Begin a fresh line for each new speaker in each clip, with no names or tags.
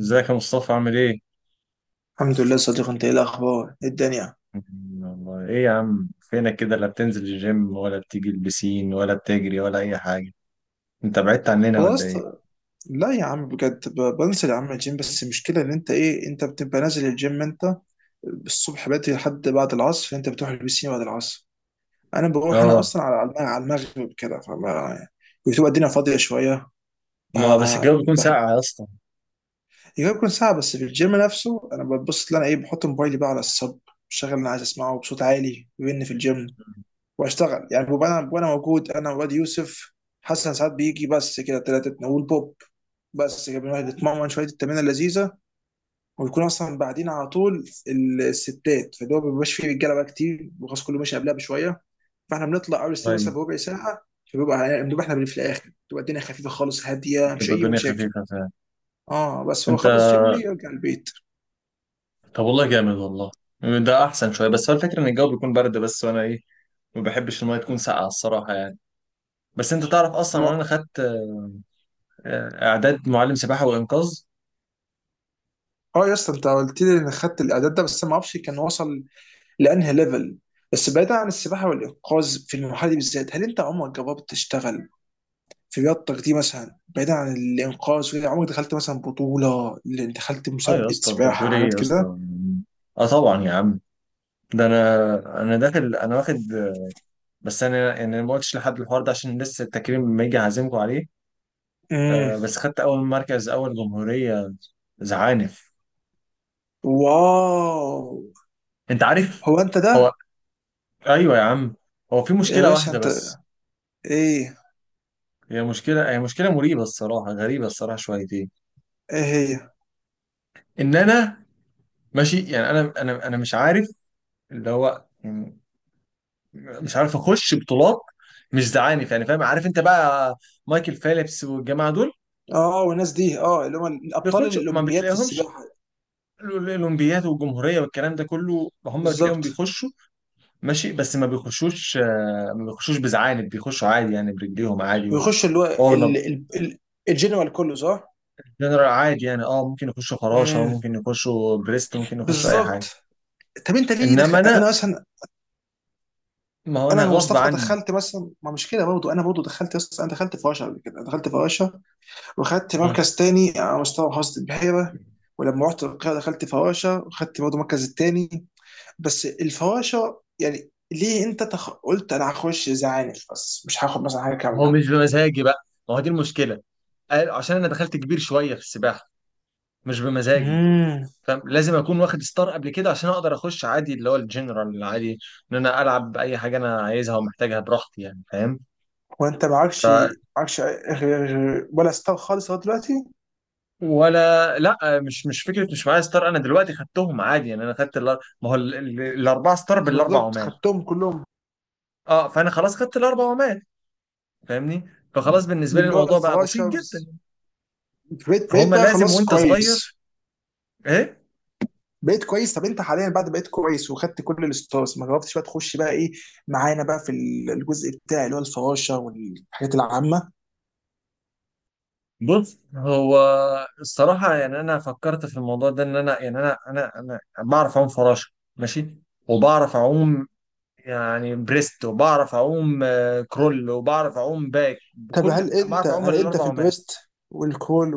ازيك يا مصطفى؟ عامل ايه؟
الحمد لله صديق، انت ايه الاخبار؟ ايه الدنيا؟
والله ايه يا عم، فينك كده؟ لا بتنزل الجيم ولا بتيجي البسين ولا بتجري ولا اي حاجة. انت بعدت عننا
والله
ولا
يا
ايه؟
اسطى. لا يا عم بجد، بنزل يا عم الجيم. بس المشكله ان انت ايه، انت بتبقى نازل الجيم انت الصبح بدري لحد بعد العصر، انت بتروح البسين بعد العصر. انا بروح انا
اه.
اصلا على على المغرب كده، فما بتبقى الدنيا فاضيه شويه.
ما بس الجو بيكون
بحب
ساقع يا اسطى.
يبقى يكون ساعه بس في الجيم نفسه. انا ببص ان انا ايه، بحط موبايلي بقى على الصب، بشغل اللي انا عايز اسمعه بصوت عالي بما اني في الجيم، واشتغل يعني. ببقى انا، وانا موجود انا وواد يوسف حسن ساعات بيجي بس كده، ثلاثتنا والبوب. بس كده بنروح نتمرن شويه التمرين اللذيذه، ويكون اصلا بعدين على طول الستات، فاللي هو ما بيبقاش فيه رجاله بقى كتير، وخلاص كله ماشي قبلها بشويه، فاحنا بنطلع اول الستات
طيب.
مثلا بربع ساعه. فبيبقى بنبقى احنا في الاخر تبقى الدنيا خفيفه خالص هاديه، مش
بتبقى
اي
الدنيا
مشاكل.
خفيفة فعلا.
اه، بس هو
انت؟
بخلص جيمي يرجع البيت.
طب والله جامد والله. ده احسن شوية. بس هو الفكرة ان الجو بيكون برد بس، وانا ايه، ما بحبش المية تكون ساقعة الصراحة يعني. بس انت تعرف اصلا ان انا
ما-
خدت اعداد معلم سباحة وانقاذ؟
اه يا اسطى، انت قلت لي ان خدت الاعداد ده، بس ما اعرفش كان وصل لانهي ليفل. بس بعيدا عن السباحه والانقاذ في المرحله دي بالذات، هل انت عمرك جربت تشتغل في رياضتك دي مثلا بعيدا عن الانقاذ وكده، عمرك دخلت مثلا بطوله، اللي دخلت
اه يا
مسابقه
اسطى انت
سباحه
بتقول ايه
حاجات
يا اسطى؟
كده؟
اه طبعا يا عم. ده انا داخل انا واخد. بس انا يعني أنا ما قلتش لحد الحوار ده عشان لسه التكريم لما يجي هعزمكم عليه.
امم.
بس خدت اول مركز، اول جمهورية زعانف.
واو.
انت عارف.
هو انت
هو
ده؟
ايوه يا عم. هو في
يا
مشكلة
باشا
واحدة
انت.
بس.
ايه؟
هي مشكلة مريبة الصراحة، غريبة الصراحة شويتين.
ايه هي؟
ان انا ماشي يعني انا مش عارف اللي هو يعني مش عارف اخش بطولات مش زعانف يعني، فاهم، عارف انت بقى. مايكل فيليبس والجماعة دول
اه، والناس دي، اه، اللي هم الابطال
بيخش ما
الاولمبياد في
بتلاقيهمش.
السباحه،
الاولمبياد والجمهوريه والكلام ده كله هم بتلاقيهم
بالظبط.
بيخشوا ماشي، بس ما بيخشوش، ما بيخشوش بزعانف، بيخشوا عادي يعني برجليهم عادي و...
ويخش اللي هو
اه ما-
الجنرال كله، صح؟
جنرال عادي يعني، اه، ممكن يخشوا فراشه،
امم.
ممكن يخشوا بريست، ممكن يخشوا اي
بالظبط.
حاجه.
طب انت ليه
انما
دخل
انا،
انا اصلا،
ما هو انا
انا
غصب
ومصطفى،
عني.
دخلت مثلا ما مش كده برضه. انا برضه دخلت انا دخلت فراشة قبل كده، دخلت فراشة واخدت
مم.
مركز تاني على مستوى محافظة البحيرة. ولما رحت القاهرة دخلت فراشة، واخدت برضه المركز التاني. بس الفراشة يعني، ليه انت قلت انا هخش زعانف، بس مش هاخد مثلا حاجة
ما هو
كاملة؟
مش بمزاجي بقى، ما هو دي المشكله. عشان انا دخلت كبير شويه في السباحه، مش بمزاجي،
امم.
فاهم. لازم اكون واخد ستار قبل كده عشان اقدر اخش عادي اللي هو الجنرال العادي، ان انا العب باي حاجه انا عايزها ومحتاجها براحتي يعني، فاهم.
وانت
ف
معكش، معكش ولا ستار خالص لغاية دلوقتي؟
ولا لا، مش فكره، مش معايا ستار. انا دلوقتي خدتهم عادي يعني، انا خدت الار- ما هو ال- ال- الاربعه ستار بالاربع
بالظبط،
عمال.
خدتهم كلهم.
اه، فانا خلاص خدت الاربع عمال، فاهمني، فخلاص بالنسبه لي
باللي هو
الموضوع بقى بسيط
الفراشة
جدا.
بس- بقيت
فهم
بقيت بقى
لازم
خلاص
وانت صغير.
كويس.
ايه.
بقيت كويس. طب انت حاليا بعد بقيت كويس وخدت كل الستارز، ما جربتش بقى تخش بقى ايه معانا، بقى في الجزء بتاعي اللي هو الفراشه والحاجات العامه؟
بص هو، الصراحه يعني، انا فكرت في الموضوع ده ان انا يعني انا بعرف اعوم فراشه، ماشي، وبعرف اعوم يعني بريست، وبعرف اعوم كرول، وبعرف اعوم باك،
طب
بكل
هل انت
بعرف اعوم
هل انت في
الاربع
البريست والكول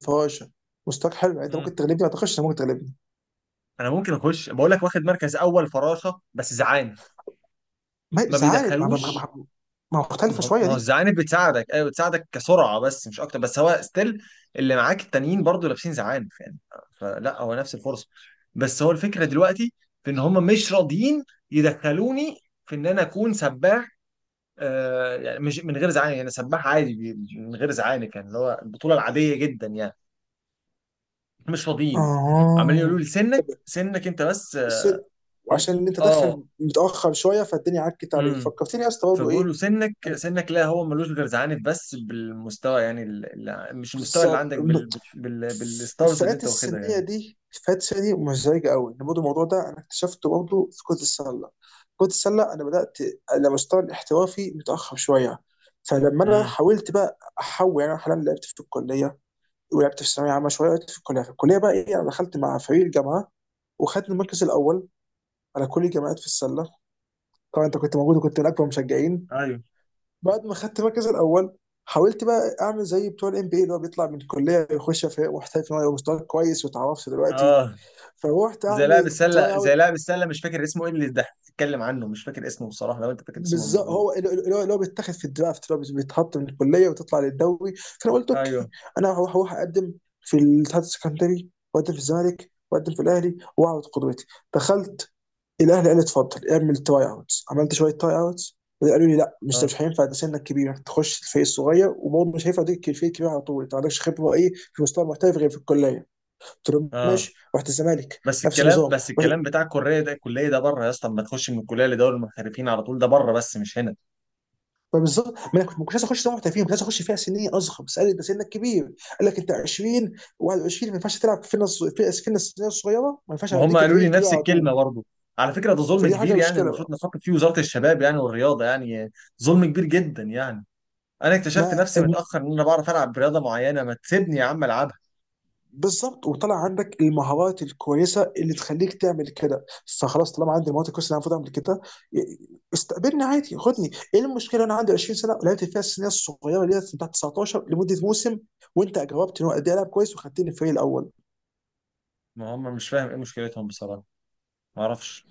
والفراشه مستواك حلو يعني؟ انت
عمال.
ممكن تغلبني، ما اعتقدش انت ممكن تغلبني.
انا ممكن اخش بقول لك واخد مركز اول فراشه بس
ما
ما
مش عارف ما, ما, ما,
بيدخلوش.
ما ما
ما
مختلفه
هو،
شويه
ما هو
دي.
الزعانف بتساعدك، ايوه بتساعدك كسرعه بس مش اكتر، بس هو ستيل اللي معاك التانيين برضو لابسين زعانف يعني، فلا هو نفس الفرصه. بس هو الفكره دلوقتي في ان هم مش راضيين يدخلوني في ان انا اكون سباح آه، يعني مش من غير زعانف، يعني سباح عادي من غير زعانف، يعني اللي هو البطوله العاديه جدا يعني، مش راضيين. عمالين يقولوا
اه.
لي
طب
سنك، سنك انت بس
الست،
هم.
وعشان ان انت
اه.
داخل متاخر شويه فالدنيا عكت عليك، فكرتني يا اسطى برضه
فبيقول
ايه،
له سنك،
انا
سنك، لا هو ملوش غير زعانف بس بالمستوى يعني مش المستوى اللي
بالظبط.
عندك بالستارز اللي
الفئات
انت واخدها
السنيه
يعني.
دي، الفئات السنيه دي مزعجه قوي، ان برضه الموضوع ده انا اكتشفته برضه في كره السله. كره السله انا بدات على مستوى الاحترافي متاخر شويه. فلما انا
امم.
حاولت بقى احول، يعني انا حاليا لعبت في الكليه، ولعبت في الثانويه عامه شويه. لعبت في الكليه، في الكليه بقى ايه، انا دخلت مع فريق الجامعه وخدت المركز الاول على كل الجامعات في السله. طبعا انت كنت موجود، وكنت من اكبر المشجعين.
ايوه.
بعد ما خدت المركز الاول، حاولت بقى اعمل زي بتوع الام بي، اللي هو بيطلع من الكليه يخش في محترف، إن هو يبقى مستواه كويس وتعرفت دلوقتي.
اه
فروحت
زي
اعمل
لاعب السله،
التراي اوت،
زي لاعب السله مش فاكر اسمه ايه اللي ده اتكلم عنه، مش فاكر اسمه بصراحه، لو انت فاكر اسمه
بالظبط
بقوله.
هو اللي هو بيتاخد في الدرافت، اللي هو بيتحط من الكليه وتطلع للدوري. فانا قلت اوكي،
ايوه.
انا هروح اقدم في الاتحاد السكندري، واقدم في الزمالك، واقدم في الاهلي، واعرض قدوتي. دخلت الاهلي قال لي اتفضل اعمل تراي اوتس، عملت شويه تراي اوتس قالوا لي لا مش
اه.
مش هينفع ده، سنك كبير انك تخش الفريق الصغير، وبرضه مش هينفع تديك الفريق الكبير على طول، انت ما عندكش خبره ايه في مستوى محترف غير في الكليه. قلت لهم
اه
ماشي، رحت الزمالك
بس
نفس
الكلام
النظام.
بس الكلام بتاع الكليه ده، الكليه ده بره يا اسطى، اما تخش من الكليه لدوري المحترفين على طول ده بره، بس مش هنا.
فبالظبط ما انا كنت ما كنتش عايز اخش سنه محترفين، كنت عايز اخش فئه سنيه اصغر. بس قال لي انت سنك كبير، قال لك انت 20 و21 ما ينفعش تلعب في نص، في في الناس السنيه الصغيره، ما ينفعش
ما هم
اديك
قالوا
الفريق
لي
الكبير
نفس
على
الكلمه
طول.
برضه. على فكره ده ظلم
فدي حاجه
كبير يعني،
مشكله
المفروض
بقى.
نفكر فيه وزاره الشباب يعني والرياضه يعني. ظلم كبير جدا يعني. انا اكتشفت
ما
نفسي
الم-
متاخر ان انا بعرف العب رياضه معينه، ما تسيبني يا عم العبها.
بالظبط، وطلع عندك المهارات الكويسه اللي تخليك تعمل كده. فخلاص طالما عندي المهارات الكويسه اللي انا المفروض اعمل كده، استقبلني عادي، خدني،
بس
ايه المشكله، انا عندي 20 سنه ولعبت فيها السنيه الصغيره اللي هي بتاعت 19 لمده موسم، وانت جاوبت ان هو قد ايه العب كويس وخدتني الفريق الاول.
ما هم مش فاهم ايه مشكلتهم بصراحه، ما اعرفش.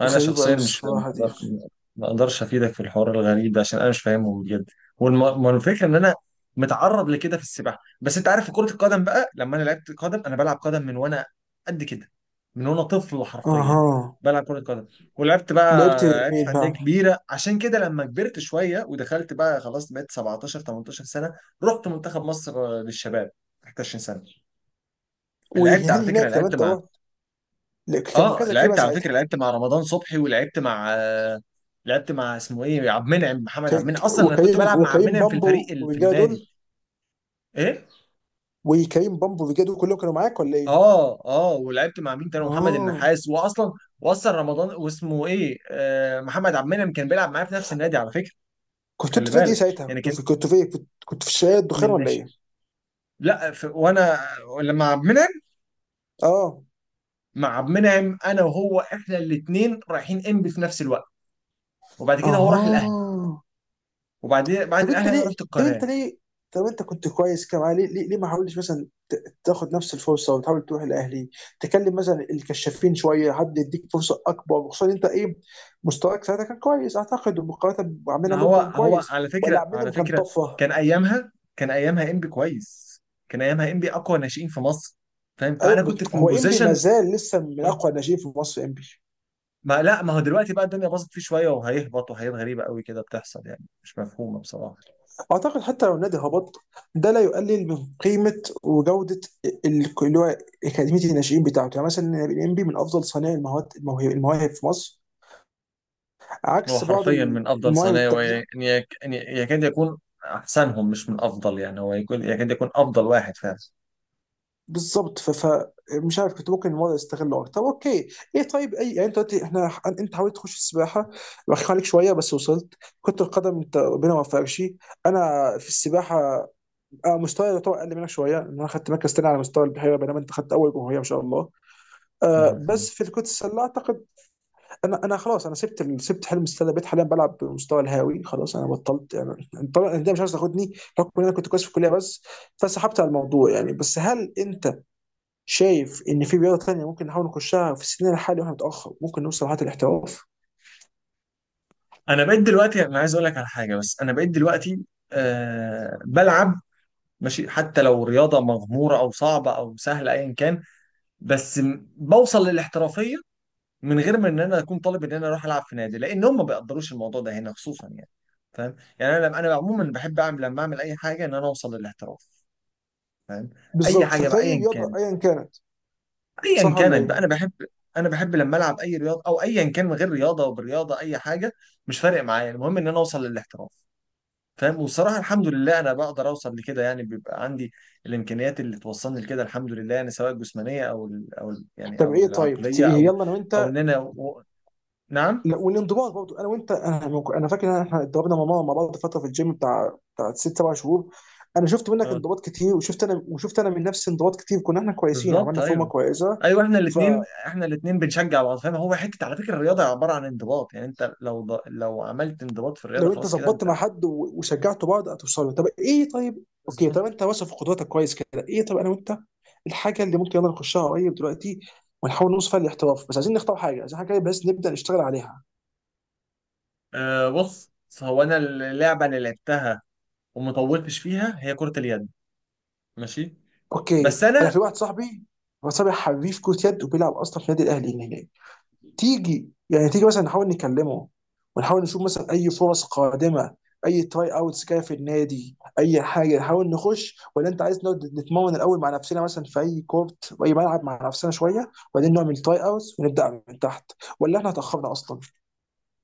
انا
غريبه قوي
شخصيا مش فاهم- ما
الصراحه دي.
أقدر- ما اقدرش افيدك في الحوار الغريب ده عشان انا مش فاهمه بجد. والفكره ان انا متعرض لكده في السباحه، بس انت عارف في كره القدم بقى لما انا لعبت قدم، انا بلعب قدم من وانا قد كده، من وانا طفل حرفيا
اها،
بلعب كره قدم. ولعبت بقى،
لعبت
لعبت في
فين
انديه
بقى؟
كبيره عشان كده لما كبرت شويه ودخلت بقى خلاص بقيت 17 18 سنه، رحت منتخب مصر للشباب، 21 سنه. لعبت
وهل
على فكره
هناك لما
لعبت
انت
مع
رحت، لا، كان
اه
مركزك ايه بقى
لعبت على فكره
ساعتها؟
لعبت مع رمضان صبحي، ولعبت مع لعبت مع اسمه ايه، عبد المنعم، محمد عبد المنعم. اصلا انا كنت
وكريم،
بلعب مع عبد
وكريم
المنعم في الفريق
بامبو
اللي في
والرجاله
النادي.
دول،
ايه.
وكريم بامبو والرجاله دول كلهم كانوا معاك ولا ايه؟
اه. اه ولعبت مع مين تاني؟ محمد
اه.
النحاس. واصلا، واصلا رمضان واسمه ايه آه محمد عبد المنعم كان بيلعب معايا في نفس النادي على فكره.
كنت انت
خلي
في نادي ايه
بالك
ساعتها؟
يعني،
كنت
كان
في، كنت في إيه؟ كنت في شارع الدخان
من
ولا
ناشئ.
ايه؟
لا، في وانا، لما عبد المنعم،
اه.
مع عبد المنعم انا وهو احنا الاثنين رايحين انبي في نفس الوقت، وبعد كده هو راح الاهلي،
اها.
وبعدين بعد
طب انت
الاهلي انا
ليه
رحت
طب
القناه.
انت ليه طب انت كنت كويس كده معاه، ليه ليه ما حاولتش مثلا تاخد نفس الفرصه، وتحاول تروح الاهلي، تكلم مثلا الكشافين شويه، حد يديك فرصه اكبر، وخصوصا انت ايه، مستواك ساعتها كان كويس اعتقد، ومقارنه بعمنا
ما
برضه
هو
كان
هو
كويس،
على
ولا
فكره،
عمنا
على
كان
فكره
طفره؟
كان ايامها، كان ايامها انبي كويس، كان ايامها انبي اقوى ناشئين في مصر، فاهم.
ايوه،
فانا
بس
كنت في
هو انبي ما
بوزيشن.
زال لسه من اقوى الناشئين في مصر، انبي.
ما لا، ما هو دلوقتي بقى الدنيا باظت فيه شويه، وهيهبط، وحاجات غريبه قوي كده بتحصل يعني مش مفهومه بصراحه.
اعتقد حتى لو النادي هبط، ده لا يقلل من قيمه وجوده اللي هو اكاديميه الناشئين بتاعته. يعني مثلا انبي من افضل صانعي المواهب، المواهب في مصر،
هو
عكس بعض
حرفيا من افضل
المواهب
صنايع
التانية.
يعني يكاد يكون احسنهم، مش من افضل يعني، هو يكون يكاد يكون افضل واحد فعلا.
بالظبط، فمش عارف، كنت ممكن الموضوع يستغله اكتر. طب اوكي، ايه طيب، اي يعني، انت دلوقتي احنا، انت حاولت تخش السباحه، بخاف عليك شويه بس وصلت. كرة القدم انت ربنا ما وفقكش. انا في السباحه، انا مستواي يعتبر اقل منك شويه، ان انا خدت مركز تاني على مستوى البحيره، بينما انت خدت اول جمهوريه ما شاء الله. آه،
مفهوم.
بس في كرة السله اعتقد انا خلاص، انا سبت سبت حلم استاد بيت، حاليا بلعب بالمستوى الهاوي خلاص، انا بطلت يعني. طبعا الانديه مش عايز تاخدني بحكم ان انا كنت كويس في الكليه بس، فسحبت على الموضوع يعني. بس هل انت شايف ان في رياضه ثانيه ممكن نحاول نخشها في سننا الحالي واحنا متاخر، ممكن نوصل لحد الاحتراف؟
انا بقيت دلوقتي، انا عايز اقول لك على حاجه، بس انا بقيت دلوقتي أه بلعب ماشي، حتى لو رياضة مغمورة أو صعبة أو سهلة أيا كان، بس بوصل للاحترافية، من غير ما إن أنا أكون طالب إن أنا أروح ألعب في نادي، لأن هم ما بيقدروش الموضوع ده هنا خصوصا يعني، فاهم يعني. أنا عموما بحب أعمل لما أعمل أي حاجة إن أنا أوصل للاحتراف، فاهم. أي
بالظبط،
حاجة
ففي
بقى أيا
رياضه
كانت،
ايا كانت،
أيا
صح ولا
كانت بقى أنا
ايه؟
بحب، أنا بحب لما ألعب أي رياضة أو أيا كان من غير رياضة وبرياضة أي حاجة، مش فارق معايا، المهم إن أنا أوصل للاحتراف، فاهم. وصراحة الحمد لله أنا بقدر أوصل لكده يعني، بيبقى عندي الإمكانيات اللي توصلني لكده الحمد لله يعني، سواء الجسمانية أو ال يعني
طب
أو
ايه طيب،
العقلية أو
يلا انا
أو
وانت.
إن أنا و... نعم.
لا، والانضباط برضه انا وانت، انا فاكر ان احنا اتدربنا مع ماما مع بعض فتره في الجيم، بتاع 6 7 شهور. انا شفت منك
أه
انضباط كتير، وشفت انا، وشفت انا من نفسي انضباط كتير، كنا احنا كويسين،
بالظبط،
عملنا فورمه
أيوه.
كويسه.
ايوه احنا الاثنين
فلو
احنا الاثنين بنشجع بعض، فاهم. هو حته على فكره الرياضه عباره عن انضباط يعني، انت لو لو عملت انضباط في الرياضه
انت
خلاص كده
ظبطت مع
انت.
حد وشجعتوا بعض هتوصلوا. طب ايه طيب، اوكي.
بالظبط.
طب انت واثق في قدراتك كويس كده، ايه طب انا وانت الحاجه اللي ممكن يلا نخشها قريب دلوقتي، ونحاول نوصل فيها للاحتراف، بس عايزين نختار حاجه، عايزين حاجه بس نبدا نشتغل عليها.
آه بص هو، انا اللعبه اللي لعبتها وما طولتش فيها هي كره اليد، ماشي.
اوكي،
بس
انا
انا،
في واحد صاحبي، هو صاحبي حريف كرة يد، وبيلعب اصلا في النادي الاهلي هناك. تيجي يعني، تيجي مثلا نحاول نكلمه، ونحاول نشوف مثلا اي فرص قادمه، اي تراي اوتس جايه في النادي، اي حاجه نحاول نخش؟ ولا انت عايز نقعد نتمرن الاول مع نفسنا، مثلا في اي كورت في اي ملعب مع نفسنا شويه، وبعدين نعمل تراي اوتس ونبدا من تحت؟ ولا احنا اتاخرنا اصلا؟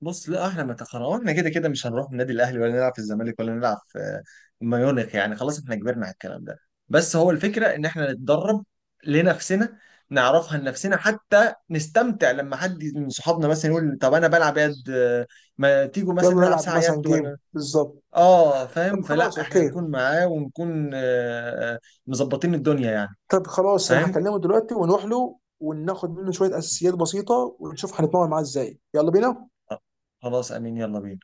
بص لا احنا ما تخرجنا، احنا كده كده مش هنروح النادي الاهلي ولا نلعب في الزمالك ولا نلعب في ميونخ يعني، خلاص احنا كبرنا على الكلام ده. بس هو الفكره ان احنا نتدرب لنفسنا، نعرفها لنفسنا حتى نستمتع لما حد من صحابنا مثلا يقول طب انا بلعب يد، ما تيجوا مثلا
يلا
نلعب
نلعب
ساعه
مثلا
يد ولا.
جيم بالظبط.
اه، فاهم،
طب
فلا
خلاص
احنا
اوكي.
نكون معاه ونكون مظبطين الدنيا يعني.
طب خلاص، انا
فاهم.
هكلمه دلوقتي ونروح له، وناخد منه شويه اساسيات بسيطه، ونشوف هنتمرن معاه ازاي. يلا بينا.
خلاص، امين، يلا بينا.